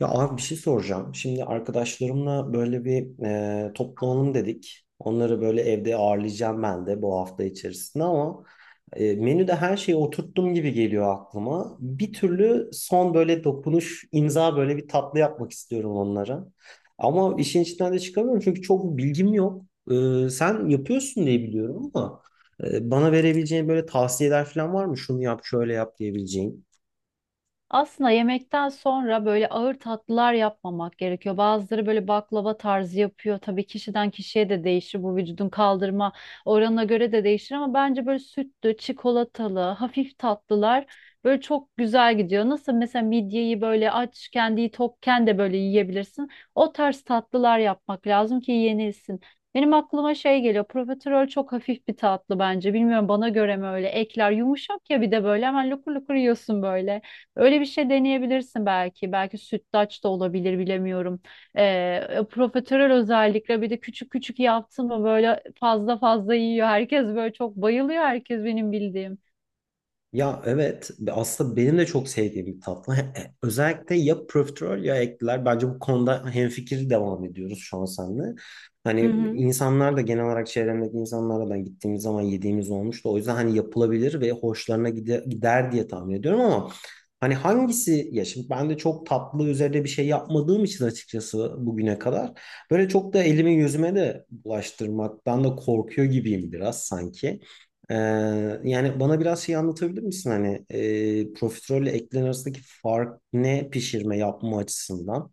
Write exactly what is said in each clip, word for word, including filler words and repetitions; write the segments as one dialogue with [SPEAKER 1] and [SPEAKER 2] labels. [SPEAKER 1] Ya abi bir şey soracağım. Şimdi arkadaşlarımla böyle bir e, toplanalım dedik. Onları böyle evde ağırlayacağım ben de bu hafta içerisinde ama e, menüde her şeyi oturttum gibi geliyor aklıma. Bir türlü son böyle dokunuş, imza böyle bir tatlı yapmak istiyorum onlara. Ama işin içinden de çıkamıyorum çünkü çok bilgim yok. E, sen yapıyorsun diye biliyorum ama e, bana verebileceğin böyle tavsiyeler falan var mı? Şunu yap, şöyle yap diyebileceğin.
[SPEAKER 2] Aslında yemekten sonra böyle ağır tatlılar yapmamak gerekiyor. Bazıları böyle baklava tarzı yapıyor. Tabii kişiden kişiye de değişir. Bu vücudun kaldırma oranına göre de değişir ama bence böyle sütlü, çikolatalı, hafif tatlılar böyle çok güzel gidiyor. Nasıl mesela midyeyi böyle aç, kendiyi tokken de böyle yiyebilirsin. O tarz tatlılar yapmak lazım ki yenilsin. Benim aklıma şey geliyor. Profiterol çok hafif bir tatlı bence. Bilmiyorum bana göre mi öyle. Ekler yumuşak ya bir de böyle hemen lukur lukur yiyorsun böyle. Öyle bir şey deneyebilirsin belki. Belki sütlaç da olabilir bilemiyorum. Ee, profiterol özellikle bir de küçük küçük yaptın mı böyle fazla fazla yiyor. Herkes böyle çok bayılıyor herkes benim bildiğim.
[SPEAKER 1] Ya evet aslında benim de çok sevdiğim bir tatlı. He- he- Özellikle ya profiterol ya ekler. Bence bu konuda hemfikir devam ediyoruz şu an seninle. Hani
[SPEAKER 2] Hı hı.
[SPEAKER 1] insanlar da genel olarak çevremdeki insanlarla da gittiğimiz zaman yediğimiz olmuştu. O yüzden hani yapılabilir ve hoşlarına gide- gider diye tahmin ediyorum ama hani hangisi ya şimdi ben de çok tatlı üzerine bir şey yapmadığım için açıkçası bugüne kadar böyle çok da elimi yüzüme de bulaştırmaktan da korkuyor gibiyim biraz sanki. Ee, Yani bana biraz şey anlatabilir misin hani e, profiterol eklerin arasındaki fark ne pişirme yapma açısından?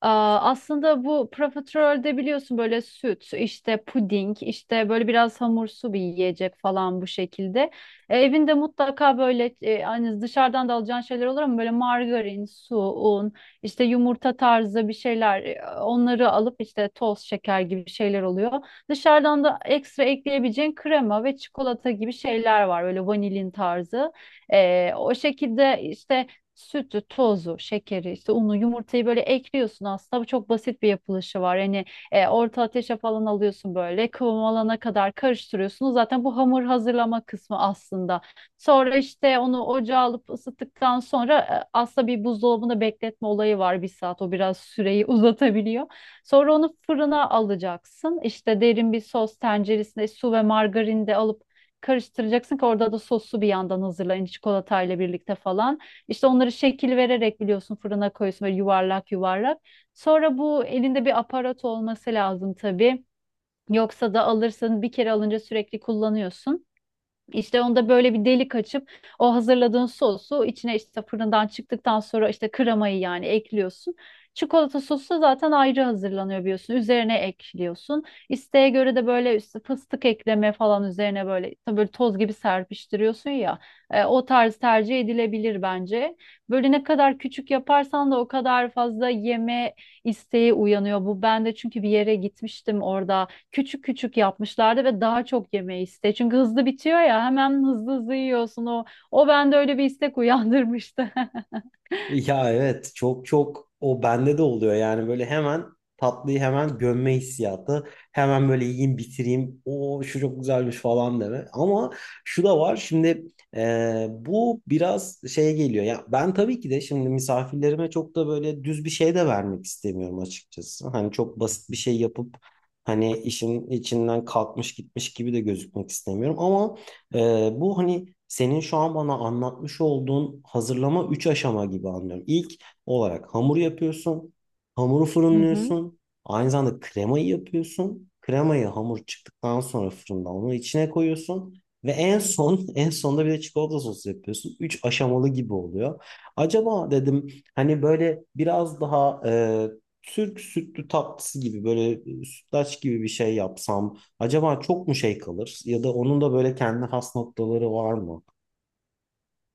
[SPEAKER 2] Aa, Aslında bu profiterolde biliyorsun böyle süt, işte puding, işte böyle biraz hamursu bir yiyecek falan bu şekilde. E, evinde mutlaka böyle e, hani dışarıdan da alacağın şeyler olur ama böyle margarin, su, un, işte yumurta tarzı bir şeyler e, onları alıp işte toz şeker gibi şeyler oluyor. Dışarıdan da ekstra ekleyebileceğin krema ve çikolata gibi şeyler var böyle vanilin tarzı. E, o şekilde işte sütü, tozu, şekeri, işte unu, yumurtayı böyle ekliyorsun aslında. Bu çok basit bir yapılışı var. Hani e, orta ateşe falan alıyorsun böyle kıvam alana kadar karıştırıyorsun. Zaten bu hamur hazırlama kısmı aslında. Sonra işte onu ocağa alıp ısıttıktan sonra e, aslında bir buzdolabında bekletme olayı var bir saat. O biraz süreyi uzatabiliyor. Sonra onu fırına alacaksın. İşte derin bir sos tenceresinde su ve margarin de alıp karıştıracaksın ki orada da sosu bir yandan hazırlayın çikolatayla birlikte falan. İşte onları şekil vererek biliyorsun fırına koyuyorsun böyle yuvarlak yuvarlak. Sonra bu elinde bir aparat olması lazım tabii. Yoksa da alırsın bir kere alınca sürekli kullanıyorsun. İşte onda böyle bir delik açıp o hazırladığın sosu içine işte fırından çıktıktan sonra işte kremayı yani ekliyorsun. Çikolata sosu da zaten ayrı hazırlanıyor biliyorsun. Üzerine ekliyorsun. İsteğe göre de böyle işte fıstık ekleme falan üzerine böyle tabii böyle toz gibi serpiştiriyorsun ya. E, o tarz tercih edilebilir bence. Böyle ne kadar küçük yaparsan da o kadar fazla yeme isteği uyanıyor. Bu ben de çünkü bir yere gitmiştim orada küçük küçük yapmışlardı ve daha çok yemeği iste. Çünkü hızlı bitiyor ya hemen hızlı hızlı yiyorsun o. O bende öyle bir istek uyandırmıştı.
[SPEAKER 1] Ya evet çok çok o bende de oluyor yani böyle hemen tatlıyı hemen gömme hissiyatı hemen böyle yiyeyim bitireyim o şu çok güzelmiş falan deme ama şu da var şimdi e, bu biraz şeye geliyor ya ben tabii ki de şimdi misafirlerime çok da böyle düz bir şey de vermek istemiyorum açıkçası hani çok basit bir şey yapıp hani işin içinden kalkmış gitmiş gibi de gözükmek istemiyorum ama ee, bu hani senin şu an bana anlatmış olduğun hazırlama üç aşama gibi anlıyorum. İlk olarak hamur yapıyorsun, hamuru
[SPEAKER 2] Hı hı.
[SPEAKER 1] fırınlıyorsun, aynı zamanda kremayı yapıyorsun. Kremayı hamur çıktıktan sonra fırından onu içine koyuyorsun ve en son en sonda bir de çikolata sosu yapıyorsun. Üç aşamalı gibi oluyor. Acaba dedim hani böyle biraz daha e, Türk sütlü tatlısı gibi böyle e, sütlaç gibi bir şey yapsam. Acaba çok mu şey kalır ya da onun da böyle kendi has noktaları var mı?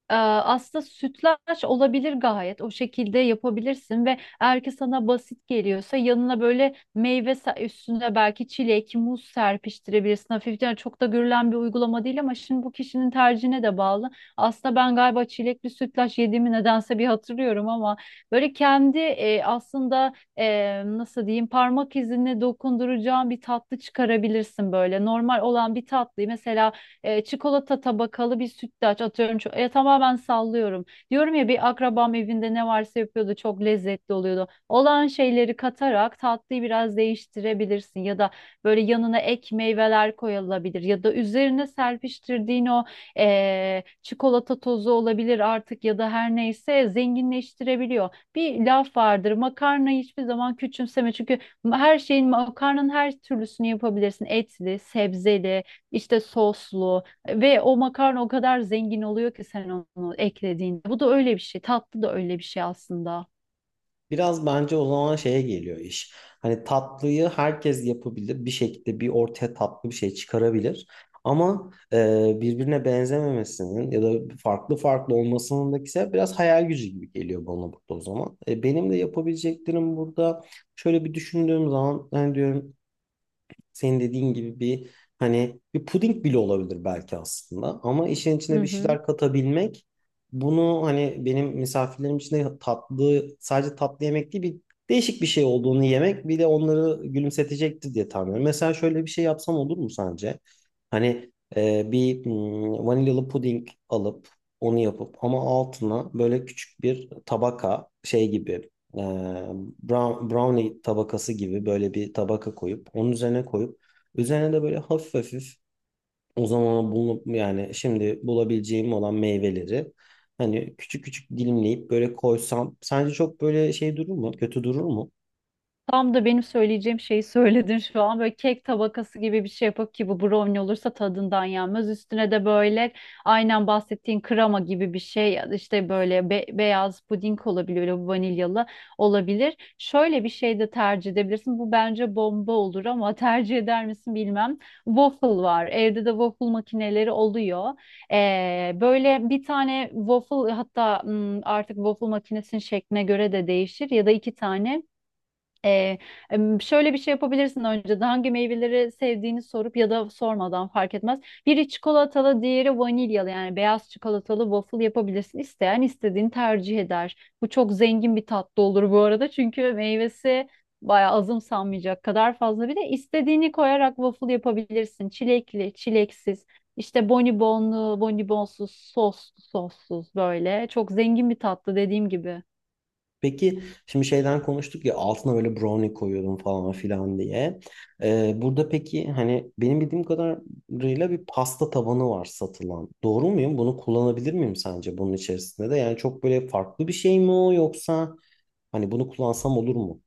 [SPEAKER 2] Ee, Aslında sütlaç olabilir gayet. O şekilde yapabilirsin ve eğer ki sana basit geliyorsa yanına böyle meyve se- üstüne belki çilek, muz serpiştirebilirsin. Hafiften yani çok da görülen bir uygulama değil ama şimdi bu kişinin tercihine de bağlı. Aslında ben galiba çilekli sütlaç yediğimi nedense bir hatırlıyorum ama böyle kendi e, aslında e, nasıl diyeyim parmak izine dokunduracağın bir tatlı çıkarabilirsin böyle. Normal olan bir tatlıyı mesela e, çikolata tabakalı bir sütlaç atıyorum. Ço- Ya tamamen sallıyorum. Diyorum ya bir akrabam evinde ne varsa yapıyordu çok lezzetli oluyordu. Olan şeyleri katarak tatlıyı biraz değiştirebilirsin ya da böyle yanına ek meyveler koyulabilir ya da üzerine serpiştirdiğin o e, çikolata tozu olabilir artık ya da her neyse zenginleştirebiliyor. Bir laf vardır makarnayı hiçbir zaman küçümseme çünkü her şeyin makarnanın her türlüsünü yapabilirsin etli, sebzeli işte soslu ve o makarna o kadar zengin oluyor ki sen onu eklediğinde. Bu da öyle bir şey. Tatlı da öyle bir şey aslında.
[SPEAKER 1] Biraz bence o zaman şeye geliyor iş. Hani tatlıyı herkes yapabilir. Bir şekilde bir ortaya tatlı bir şey çıkarabilir. Ama e, birbirine benzememesinin ya da farklı farklı olmasının da ise biraz hayal gücü gibi geliyor bana burada o zaman. E, benim de yapabileceklerim burada şöyle bir düşündüğüm zaman hani diyorum senin dediğin gibi bir hani bir puding bile olabilir belki aslında ama işin
[SPEAKER 2] Hı
[SPEAKER 1] içine bir
[SPEAKER 2] hı.
[SPEAKER 1] şeyler katabilmek bunu hani benim misafirlerim için de tatlı sadece tatlı yemek değil bir değişik bir şey olduğunu yemek bir de onları gülümsetecektir diye tahmin ediyorum. Mesela şöyle bir şey yapsam olur mu sence? Hani e, bir hmm, vanilyalı puding alıp onu yapıp ama altına böyle küçük bir tabaka şey gibi, e, brown- brownie tabakası gibi böyle bir tabaka koyup onun üzerine koyup üzerine de böyle hafif hafif o zaman bulup yani şimdi bulabileceğim olan meyveleri hani küçük küçük dilimleyip böyle koysam sence çok böyle şey durur mu? Kötü durur mu?
[SPEAKER 2] Tam da benim söyleyeceğim şeyi söyledin şu an. Böyle kek tabakası gibi bir şey yapıp ki bu brownie olursa tadından yenmez. Üstüne de böyle aynen bahsettiğin krema gibi bir şey ya da işte böyle be- beyaz puding olabilir, böyle vanilyalı olabilir. Şöyle bir şey de tercih edebilirsin. Bu bence bomba olur ama tercih eder misin bilmem. Waffle var. Evde de waffle makineleri oluyor. Ee, böyle bir tane waffle hatta hmm, artık waffle makinesinin şekline göre de değişir ya da iki tane. Ee, em, Şöyle bir şey yapabilirsin önceden hangi meyveleri sevdiğini sorup ya da sormadan fark etmez. Biri çikolatalı, diğeri vanilyalı yani beyaz çikolatalı waffle yapabilirsin. İsteyen istediğini tercih eder. Bu çok zengin bir tatlı olur bu arada çünkü meyvesi bayağı azımsanmayacak kadar fazla. Bir de istediğini koyarak waffle yapabilirsin. Çilekli, çileksiz, işte bonibonlu, bonibonsuz, soslu, sossuz böyle. Çok zengin bir tatlı dediğim gibi.
[SPEAKER 1] Peki şimdi şeyden konuştuk ya altına böyle brownie koyuyordum falan filan diye. Ee, burada peki hani benim bildiğim kadarıyla bir pasta tabanı var satılan. Doğru muyum? Bunu kullanabilir miyim sence bunun içerisinde de? Yani çok böyle farklı bir şey mi o yoksa hani bunu kullansam olur mu?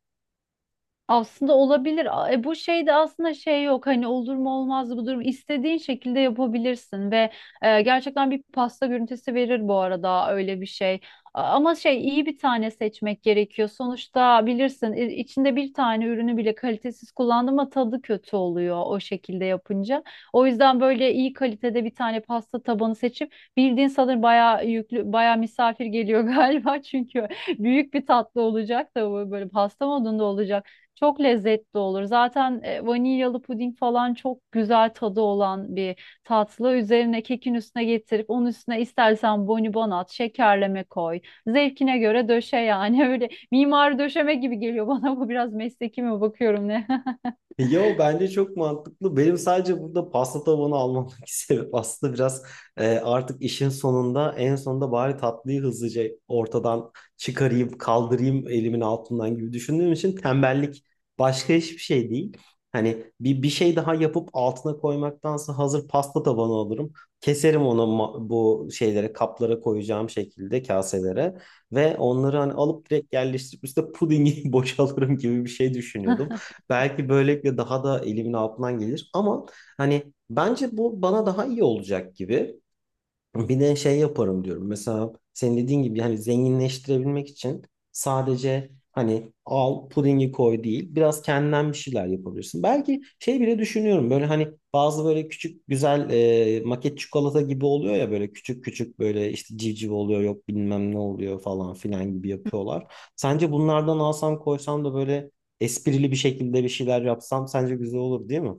[SPEAKER 2] Aslında olabilir. A- E, bu şeyde aslında şey yok hani olur mu olmaz mı bu durum istediğin şekilde yapabilirsin ve e, gerçekten bir pasta görüntüsü verir bu arada öyle bir şey. A- Ama şey iyi bir tane seçmek gerekiyor. Sonuçta bilirsin i- içinde bir tane ürünü bile kalitesiz kullandım ama tadı kötü oluyor o şekilde yapınca. O yüzden böyle iyi kalitede bir tane pasta tabanı seçip bildiğin sanırım bayağı yüklü bayağı misafir geliyor galiba çünkü büyük bir tatlı olacak da bu böyle pasta modunda olacak. Çok lezzetli olur. Zaten e, vanilyalı puding falan çok güzel tadı olan bir tatlı. Üzerine kekin üstüne getirip onun üstüne istersen bonibon at, şekerleme koy. Zevkine göre döşe yani. Öyle mimari döşeme gibi geliyor bana. Bu biraz mesleki mi bakıyorum ne?
[SPEAKER 1] Yo bence çok mantıklı. Benim sadece burada pasta tabanı almamdaki sebep aslında biraz e, artık işin sonunda en sonunda bari tatlıyı hızlıca ortadan çıkarayım, kaldırayım elimin altından gibi düşündüğüm için tembellik başka hiçbir şey değil. Hani bir, bir şey daha yapıp altına koymaktansa hazır pasta tabanı alırım. Keserim onu ma- bu şeylere kaplara koyacağım şekilde kaselere ve onları hani alıp direkt yerleştirip üstüne pudingi boşalırım gibi bir şey düşünüyordum. Belki böylelikle daha da elimin altından gelir ama hani bence bu bana daha iyi olacak gibi. Bir de şey yaparım diyorum. Mesela senin dediğin gibi hani zenginleştirebilmek için sadece hani al pudingi koy değil. Biraz kendinden bir şeyler yapabilirsin. Belki şey bile düşünüyorum. Böyle hani bazı böyle küçük güzel e, maket çikolata gibi oluyor ya böyle küçük küçük böyle işte civciv oluyor yok bilmem ne oluyor falan filan gibi yapıyorlar. Sence bunlardan alsam koysam da böyle esprili bir şekilde bir şeyler yapsam sence güzel olur değil mi?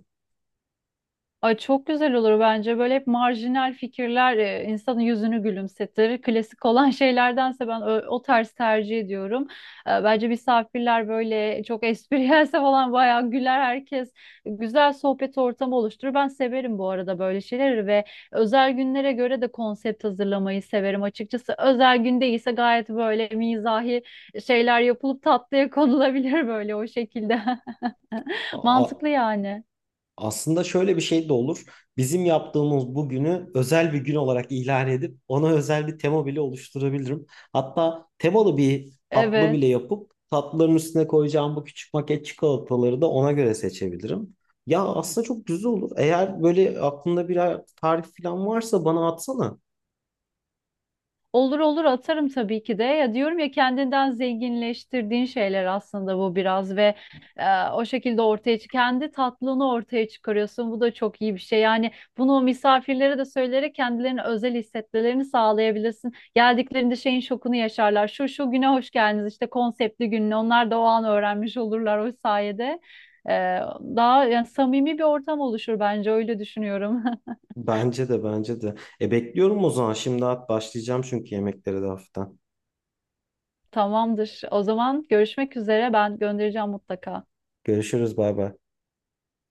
[SPEAKER 2] Ay çok güzel olur bence. Böyle hep marjinal fikirler e, insanın yüzünü gülümsetir. Klasik olan şeylerdense ben ö- o tarz tercih ediyorum. E, Bence misafirler böyle çok espriyelse falan bayağı güler herkes. Güzel sohbet ortamı oluşturur. Ben severim bu arada böyle şeyleri ve özel günlere göre de konsept hazırlamayı severim açıkçası. Özel gün değilse gayet böyle mizahi şeyler yapılıp tatlıya konulabilir böyle o şekilde.
[SPEAKER 1] Aa,
[SPEAKER 2] Mantıklı yani.
[SPEAKER 1] aslında şöyle bir şey de olur. Bizim yaptığımız bugünü özel bir gün olarak ilan edip ona özel bir tema bile oluşturabilirim. Hatta temalı bir tatlı
[SPEAKER 2] Evet.
[SPEAKER 1] bile yapıp tatlıların üstüne koyacağım bu küçük maket çikolataları da ona göre seçebilirim. Ya aslında çok güzel olur. Eğer böyle aklında bir tarif falan varsa bana atsana.
[SPEAKER 2] Olur olur atarım tabii ki de. Ya diyorum ya kendinden zenginleştirdiğin şeyler aslında bu biraz ve e, o şekilde ortaya çık kendi tatlını ortaya çıkarıyorsun. Bu da çok iyi bir şey. Yani bunu o misafirlere de söyleyerek kendilerini özel hissetmelerini sağlayabilirsin. Geldiklerinde şeyin şokunu yaşarlar. Şu şu güne hoş geldiniz işte konseptli gününe. Onlar da o an öğrenmiş olurlar o sayede. E, Daha yani samimi bir ortam oluşur bence öyle düşünüyorum.
[SPEAKER 1] Bence de, bence de. E, bekliyorum o zaman. Şimdi at, başlayacağım çünkü yemeklere de hafiften.
[SPEAKER 2] Tamamdır. O zaman görüşmek üzere. Ben göndereceğim mutlaka.
[SPEAKER 1] Görüşürüz, bay bay.